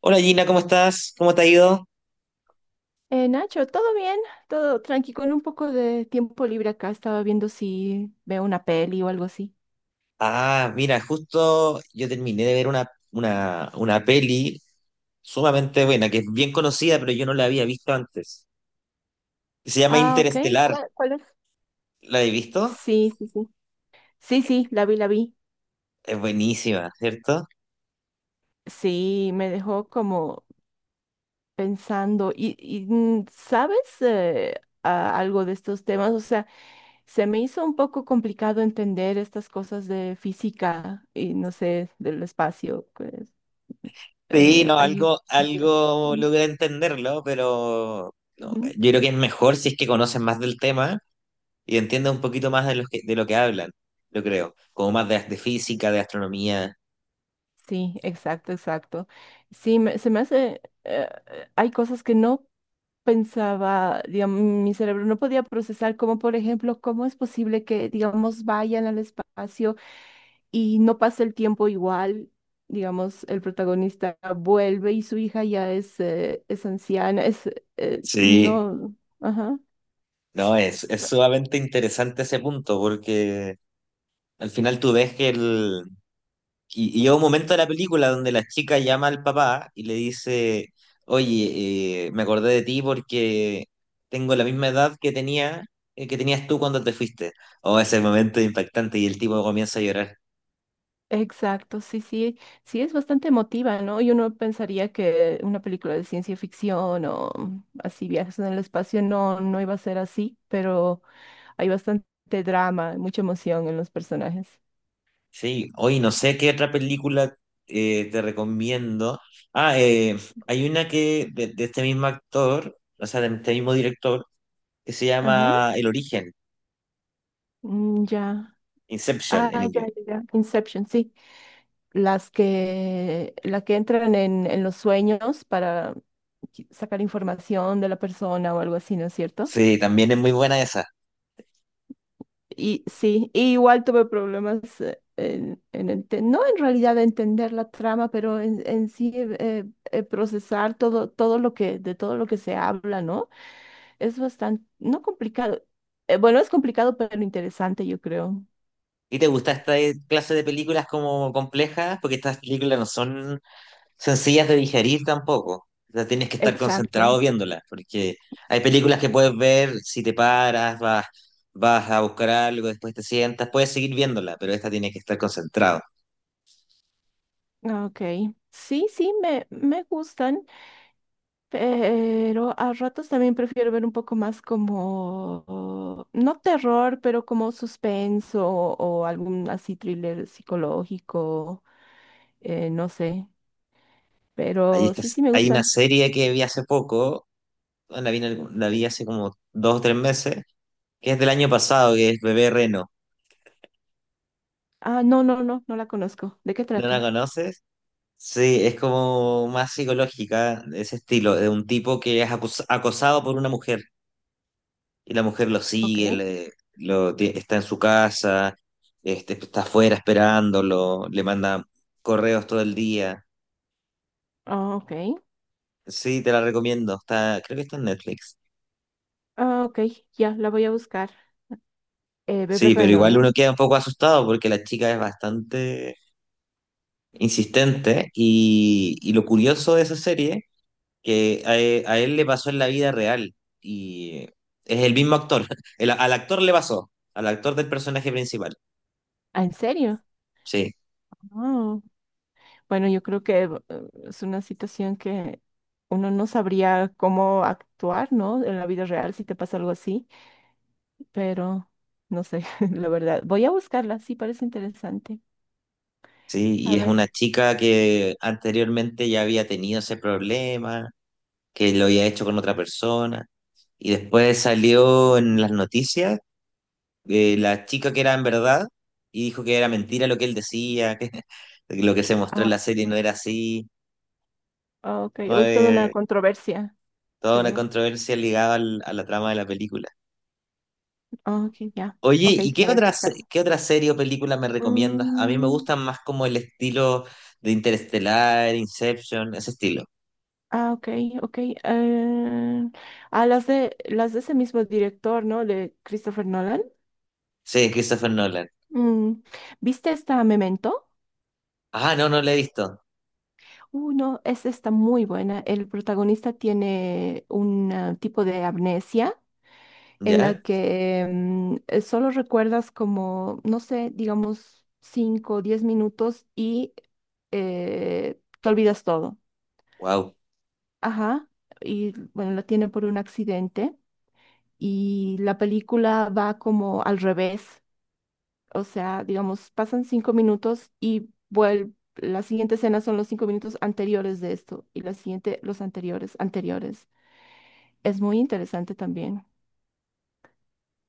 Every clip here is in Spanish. Hola Gina, ¿cómo estás? ¿Cómo te ha ido? Nacho, ¿todo bien? Todo tranqui, con un poco de tiempo libre acá. Estaba viendo si veo una peli o algo así. Ah, mira, justo yo terminé de ver una peli sumamente buena, que es bien conocida, pero yo no la había visto antes. Se llama Ah, ok. Interestelar. ¿Cuál es? ¿La habéis visto? Sí, sí, sí. Sí, sí, la vi, la vi. Es buenísima, ¿cierto? Sí, me dejó como pensando. ¿Y sabes algo de estos temas? O sea, se me hizo un poco complicado entender estas cosas de física y no sé, del espacio. Pues, Sí, no, hay algo, varias. algo logré entenderlo, pero no, Ujú. yo creo que es mejor si es que conocen más del tema y entienden un poquito más de lo que hablan, yo creo. Como más de física, de astronomía. Sí, exacto, exacto. Sí, se me hace, hay cosas que no pensaba, digamos, mi cerebro no podía procesar, como por ejemplo, cómo es posible que, digamos, vayan al espacio y no pasa el tiempo igual, digamos, el protagonista vuelve y su hija ya es anciana, es, Sí. no, ajá. No, es sumamente interesante ese punto, porque al final tú ves que el... Y llega un momento de la película donde la chica llama al papá y le dice, oye, me acordé de ti porque tengo la misma edad que tenía, que tenías tú cuando te fuiste. Oh, ese momento es impactante y el tipo comienza a llorar. Exacto, sí, sí, sí es bastante emotiva, ¿no? Y uno pensaría que una película de ciencia ficción o así viajes en el espacio no, no iba a ser así, pero hay bastante drama, mucha emoción en los personajes. Sí, hoy no sé qué otra película te recomiendo. Ah, eh, Hay una que de este mismo actor, o sea, de este mismo director, que se Ajá, llama El Origen. mm, ya. Inception en Ah, ya, inglés. ya, ya. Inception, sí. La que entran en los sueños para sacar información de la persona o algo así, ¿no es cierto? Sí, también es muy buena esa. Y sí, y igual tuve problemas en, no en realidad de entender la trama, pero en sí procesar todo, de todo lo que se habla, ¿no? Es bastante, no complicado. Bueno, es complicado, pero interesante, yo creo. ¿Y te gusta esta clase de películas como complejas? Porque estas películas no son sencillas de digerir tampoco. O sea, tienes que estar concentrado Exacto. viéndolas, porque hay películas que puedes ver si te paras, vas, vas a buscar algo, después te sientas, puedes seguir viéndola, pero esta tienes que estar concentrado. Ok. Sí, me gustan. Pero a ratos también prefiero ver un poco más como, no terror, pero como suspenso o algún así thriller psicológico, no sé. Ahí Pero sí, estás sí me hay una gustan. serie que vi hace poco, la vi, en algún- la vi hace como 2 o 3 meses, que es del año pasado, que es Bebé Reno. Ah, no, no, no, no la conozco. ¿De qué ¿No la trata? conoces? Sí, es como más psicológica, de ese estilo, de un tipo que es acus- acosado por una mujer y la mujer lo Ok. sigue, le- lo, ti- está en su casa, este, está afuera esperándolo, le manda correos todo el día. Ah, ok. Sí, te la recomiendo, está, creo que está en Netflix. Ah, ok, ya, la voy a buscar. Bebé Sí, pero Reno, igual ¿no? uno queda un poco asustado porque la chica es bastante insistente y lo curioso de esa serie que a, e- a él le pasó en la vida real y es el mismo actor. El- al actor le pasó, al actor del personaje principal. Ah, ¿en serio? Sí, Bueno, yo creo que es una situación que uno no sabría cómo actuar, ¿no? En la vida real si te pasa algo así, pero no sé, la verdad. Voy a buscarla, sí, parece interesante. sí, y A es ver. una chica que anteriormente ya había tenido ese problema, que lo había hecho con otra persona y después salió en las noticias la chica que era en verdad y dijo que era mentira lo que él decía, que lo que se mostró en la Ah, serie no era así. ok, No, hoy toda una controversia, ¿se toda una armó? controversia ligada al- a la trama de la película. Ah, ok, ya. Oye, Ok, ¿y qué la voy a otra, buscar. se- qué otra serie o película me recomiendas? A mí me Mm, gustan más como el estilo de Interestelar, Inception, ese estilo. ah, ok, ok. eh, las de ese mismo director, ¿no? De Christopher Nolan. Sí, Christopher Nolan. Mm, ¿viste esta Memento? Ah, no, no la he visto. No, esa está muy buena. El protagonista tiene un tipo de amnesia en la ¿Ya? que solo recuerdas como, no sé, digamos 5 o 10 minutos y te olvidas todo. Wow. Ajá. Y bueno, la tiene por un accidente y la película va como al revés. O sea, digamos, pasan cinco minutos y vuelve, la siguiente escena son los cinco minutos anteriores de esto y la siguiente los anteriores, anteriores. Es muy interesante también.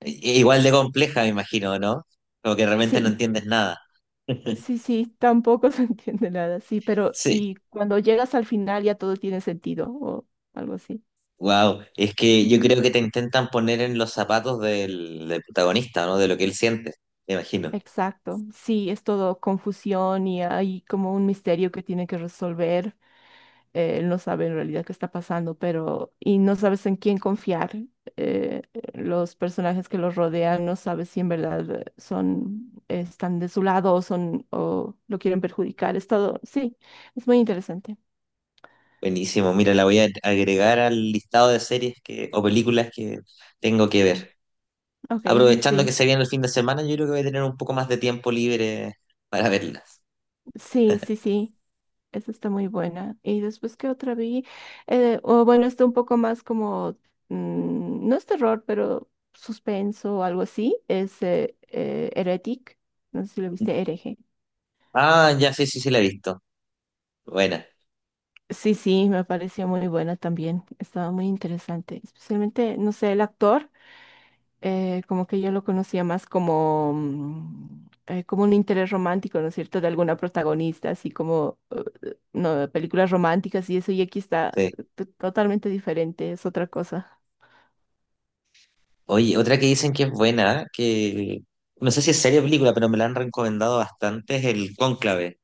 Igual de compleja, me imagino, ¿no? Como que realmente no Sí, entiendes nada. sí, sí, tampoco se entiende nada, sí, pero Sí. y cuando llegas al final ya todo tiene sentido o algo así. Wow. Es que yo creo que te intentan poner en los zapatos del protagonista, ¿no? De lo que él siente, me imagino. Exacto, sí, es todo confusión y hay como un misterio que tiene que resolver. Él no sabe en realidad qué está pasando, pero y no sabes en quién confiar. eh, los personajes que los rodean no sabes si en verdad son están de su lado o son o lo quieren perjudicar. Es todo, sí, es muy interesante. Buenísimo. Mira, la voy a agregar al listado de series que, o películas que tengo que ver. Ok, Aprovechando que sí, se viene el fin de semana, yo creo que voy a tener un poco más de tiempo libre para verlas. sí, sí, sí. Esa está muy buena. Y después, ¿qué otra vi? O bueno, está un poco más como, no es terror, pero suspenso o algo así. Es Heretic. No sé si lo viste, Hereje. Ah, ya, sí, sí, sí la he visto. Buena, Sí, sí, me pareció muy buena también. Estaba muy interesante. Especialmente, no sé, el actor, como que yo lo conocía más como, como un interés romántico, ¿no es cierto?, de alguna protagonista, así como, no, películas románticas y eso, y aquí está sí. Totalmente diferente, es otra cosa. Oye, otra que dicen que es buena, que no sé si es serie o película, pero me la han recomendado bastante, es el Cónclave.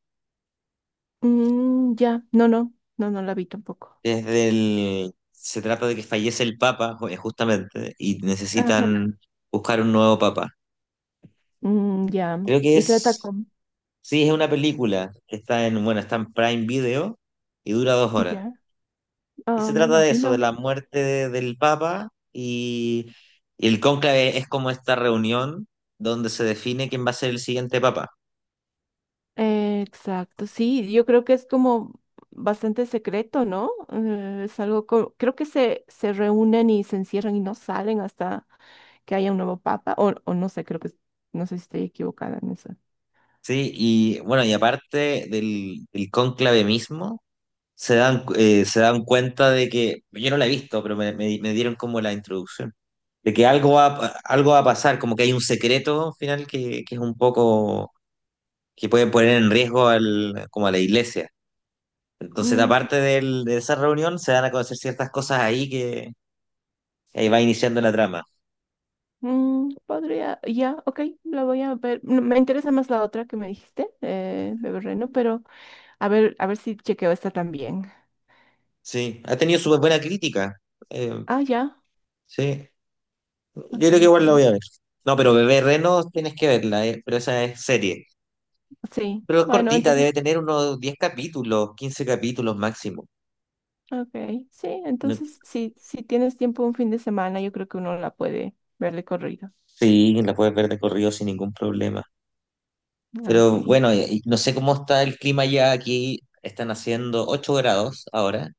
Mm, ya, no, no, no, no la vi tampoco. Es del... Se trata de que fallece el Papa, ju- justamente, y Ajá. necesitan buscar un nuevo Papa. Mm, ya, Creo que y trata es... con, Sí, es una película. Está en, bueno, está en Prime Video y dura 2 horas. ya, Y ah, se me trata de eso, de imagino. la muerte de- del Papa y el cónclave es como esta reunión donde se define quién va a ser el siguiente Papa. Exacto, sí, yo creo que es como bastante secreto, ¿no? Es algo, creo que se reúnen y se encierran y no salen hasta que haya un nuevo papa, o no sé, no sé si estoy equivocada en eso. ¿Sí? Y bueno, y aparte del cónclave mismo, se dan cuenta de que, yo no la he visto, pero me dieron como la introducción, de que algo va a pasar, como que hay un secreto al final que es un poco, que puede poner en riesgo al, como a la iglesia. Entonces, Mm, aparte del- de esa reunión, se dan a conocer ciertas cosas ahí. Ahí va iniciando la trama. mm, podría, ya, ok, la voy a ver. No, me interesa más la otra que me dijiste, Bebe Reno, pero a ver si chequeo esta también. Sí, ha tenido súper buena crítica. Eh, Ah, ya, sí, yo creo ok, que ok, igual la voy a ver. No, pero Bebé Reno tienes que verla, pero esa es serie. sí. Pero es Bueno, cortita, debe entonces tener unos 10 capítulos, 15 capítulos máximo. ok, sí, No- entonces si, si tienes tiempo un fin de semana, yo creo que uno la puede ver de corrido. Sí, la puedes ver de corrido sin ningún problema. Ah, ok. Pero bueno, y no sé cómo está el clima ya aquí. Están haciendo 8 grados ahora.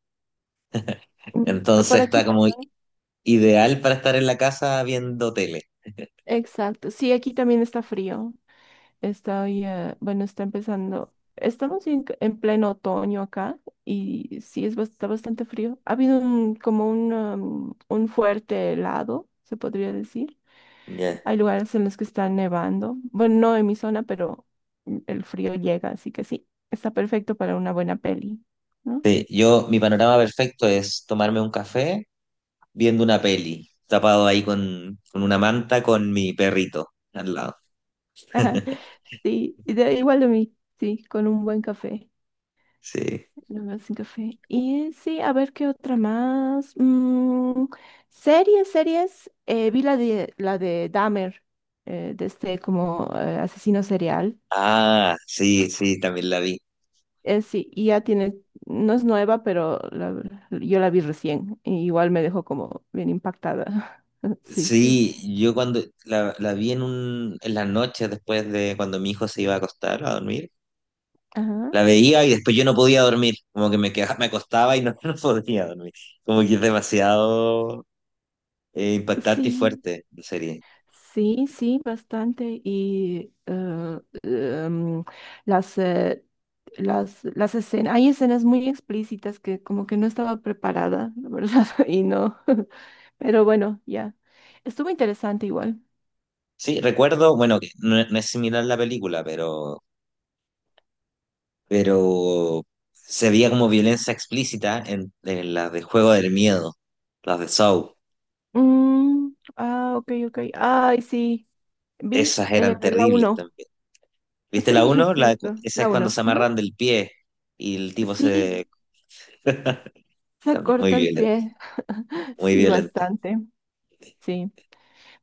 Mm, por Entonces aquí está como también. ideal para estar en la casa viendo tele. Exacto, sí, aquí también está frío. Está, hoy, bueno, está empezando. Estamos en pleno otoño acá y sí, está bastante frío. Ha habido un, como un, un fuerte helado, se podría decir. Ya. Hay lugares en los que está nevando. Bueno, no en mi zona, pero mm, el frío llega, así que sí, está perfecto para una buena peli, ¿no? Sí, yo, mi panorama perfecto es tomarme un café viendo una peli, tapado ahí con una manta con mi perrito al lado. Sí, igual de mí, sí, con un buen café, Sí. la verdad, sin café. Y sí, a ver qué otra más. Mm, series, series. Vi la de Dahmer, de este como asesino serial. Ah, sí, sí, también la vi. Sí, y ya tiene, no es nueva, pero la yo la vi recién. Y igual me dejó como bien impactada. Sí. Sí, yo cuando la vi en un, en las noches después de cuando mi hijo se iba a acostar a dormir, Ajá. la veía y después yo no podía dormir, como que me quedaba, me acostaba y no, no podía dormir, como que es demasiado impactante y Sí. fuerte la serie. Sí, sí, bastante. Y las, eh, las escenas, hay escenas muy explícitas que como que no estaba preparada, la verdad, y no. Pero bueno, ya. Estuvo interesante igual. Sí, recuerdo, bueno, que no, no es similar a la película, pero se veía como violencia explícita en las de Juego del Miedo, las de Saw. Mm, ah, ok, ok. Ay, sí. Vi Esas eran la terribles uno. también. ¿Viste la Sí, es uno? La, de cu- cierto. esa es La cuando uno. se Ajá. amarran del pie y el tipo Sí, se... se También muy corta el violenta, pie. muy Sí, violenta. bastante. Sí.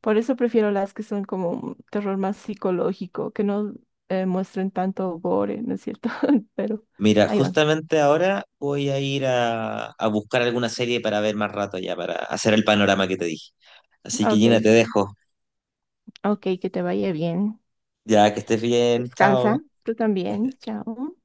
Por eso prefiero las que son como un terror más psicológico, que no muestren tanto gore, ¿no es cierto? Pero Mira, ahí van. justamente ahora voy a ir a buscar alguna serie para ver más rato ya, para hacer el panorama que te dije. Así que Gina, Ok, te dejo. ok, que te vaya bien. Ya, que estés bien, Descansa. chao. Tú también. Chao.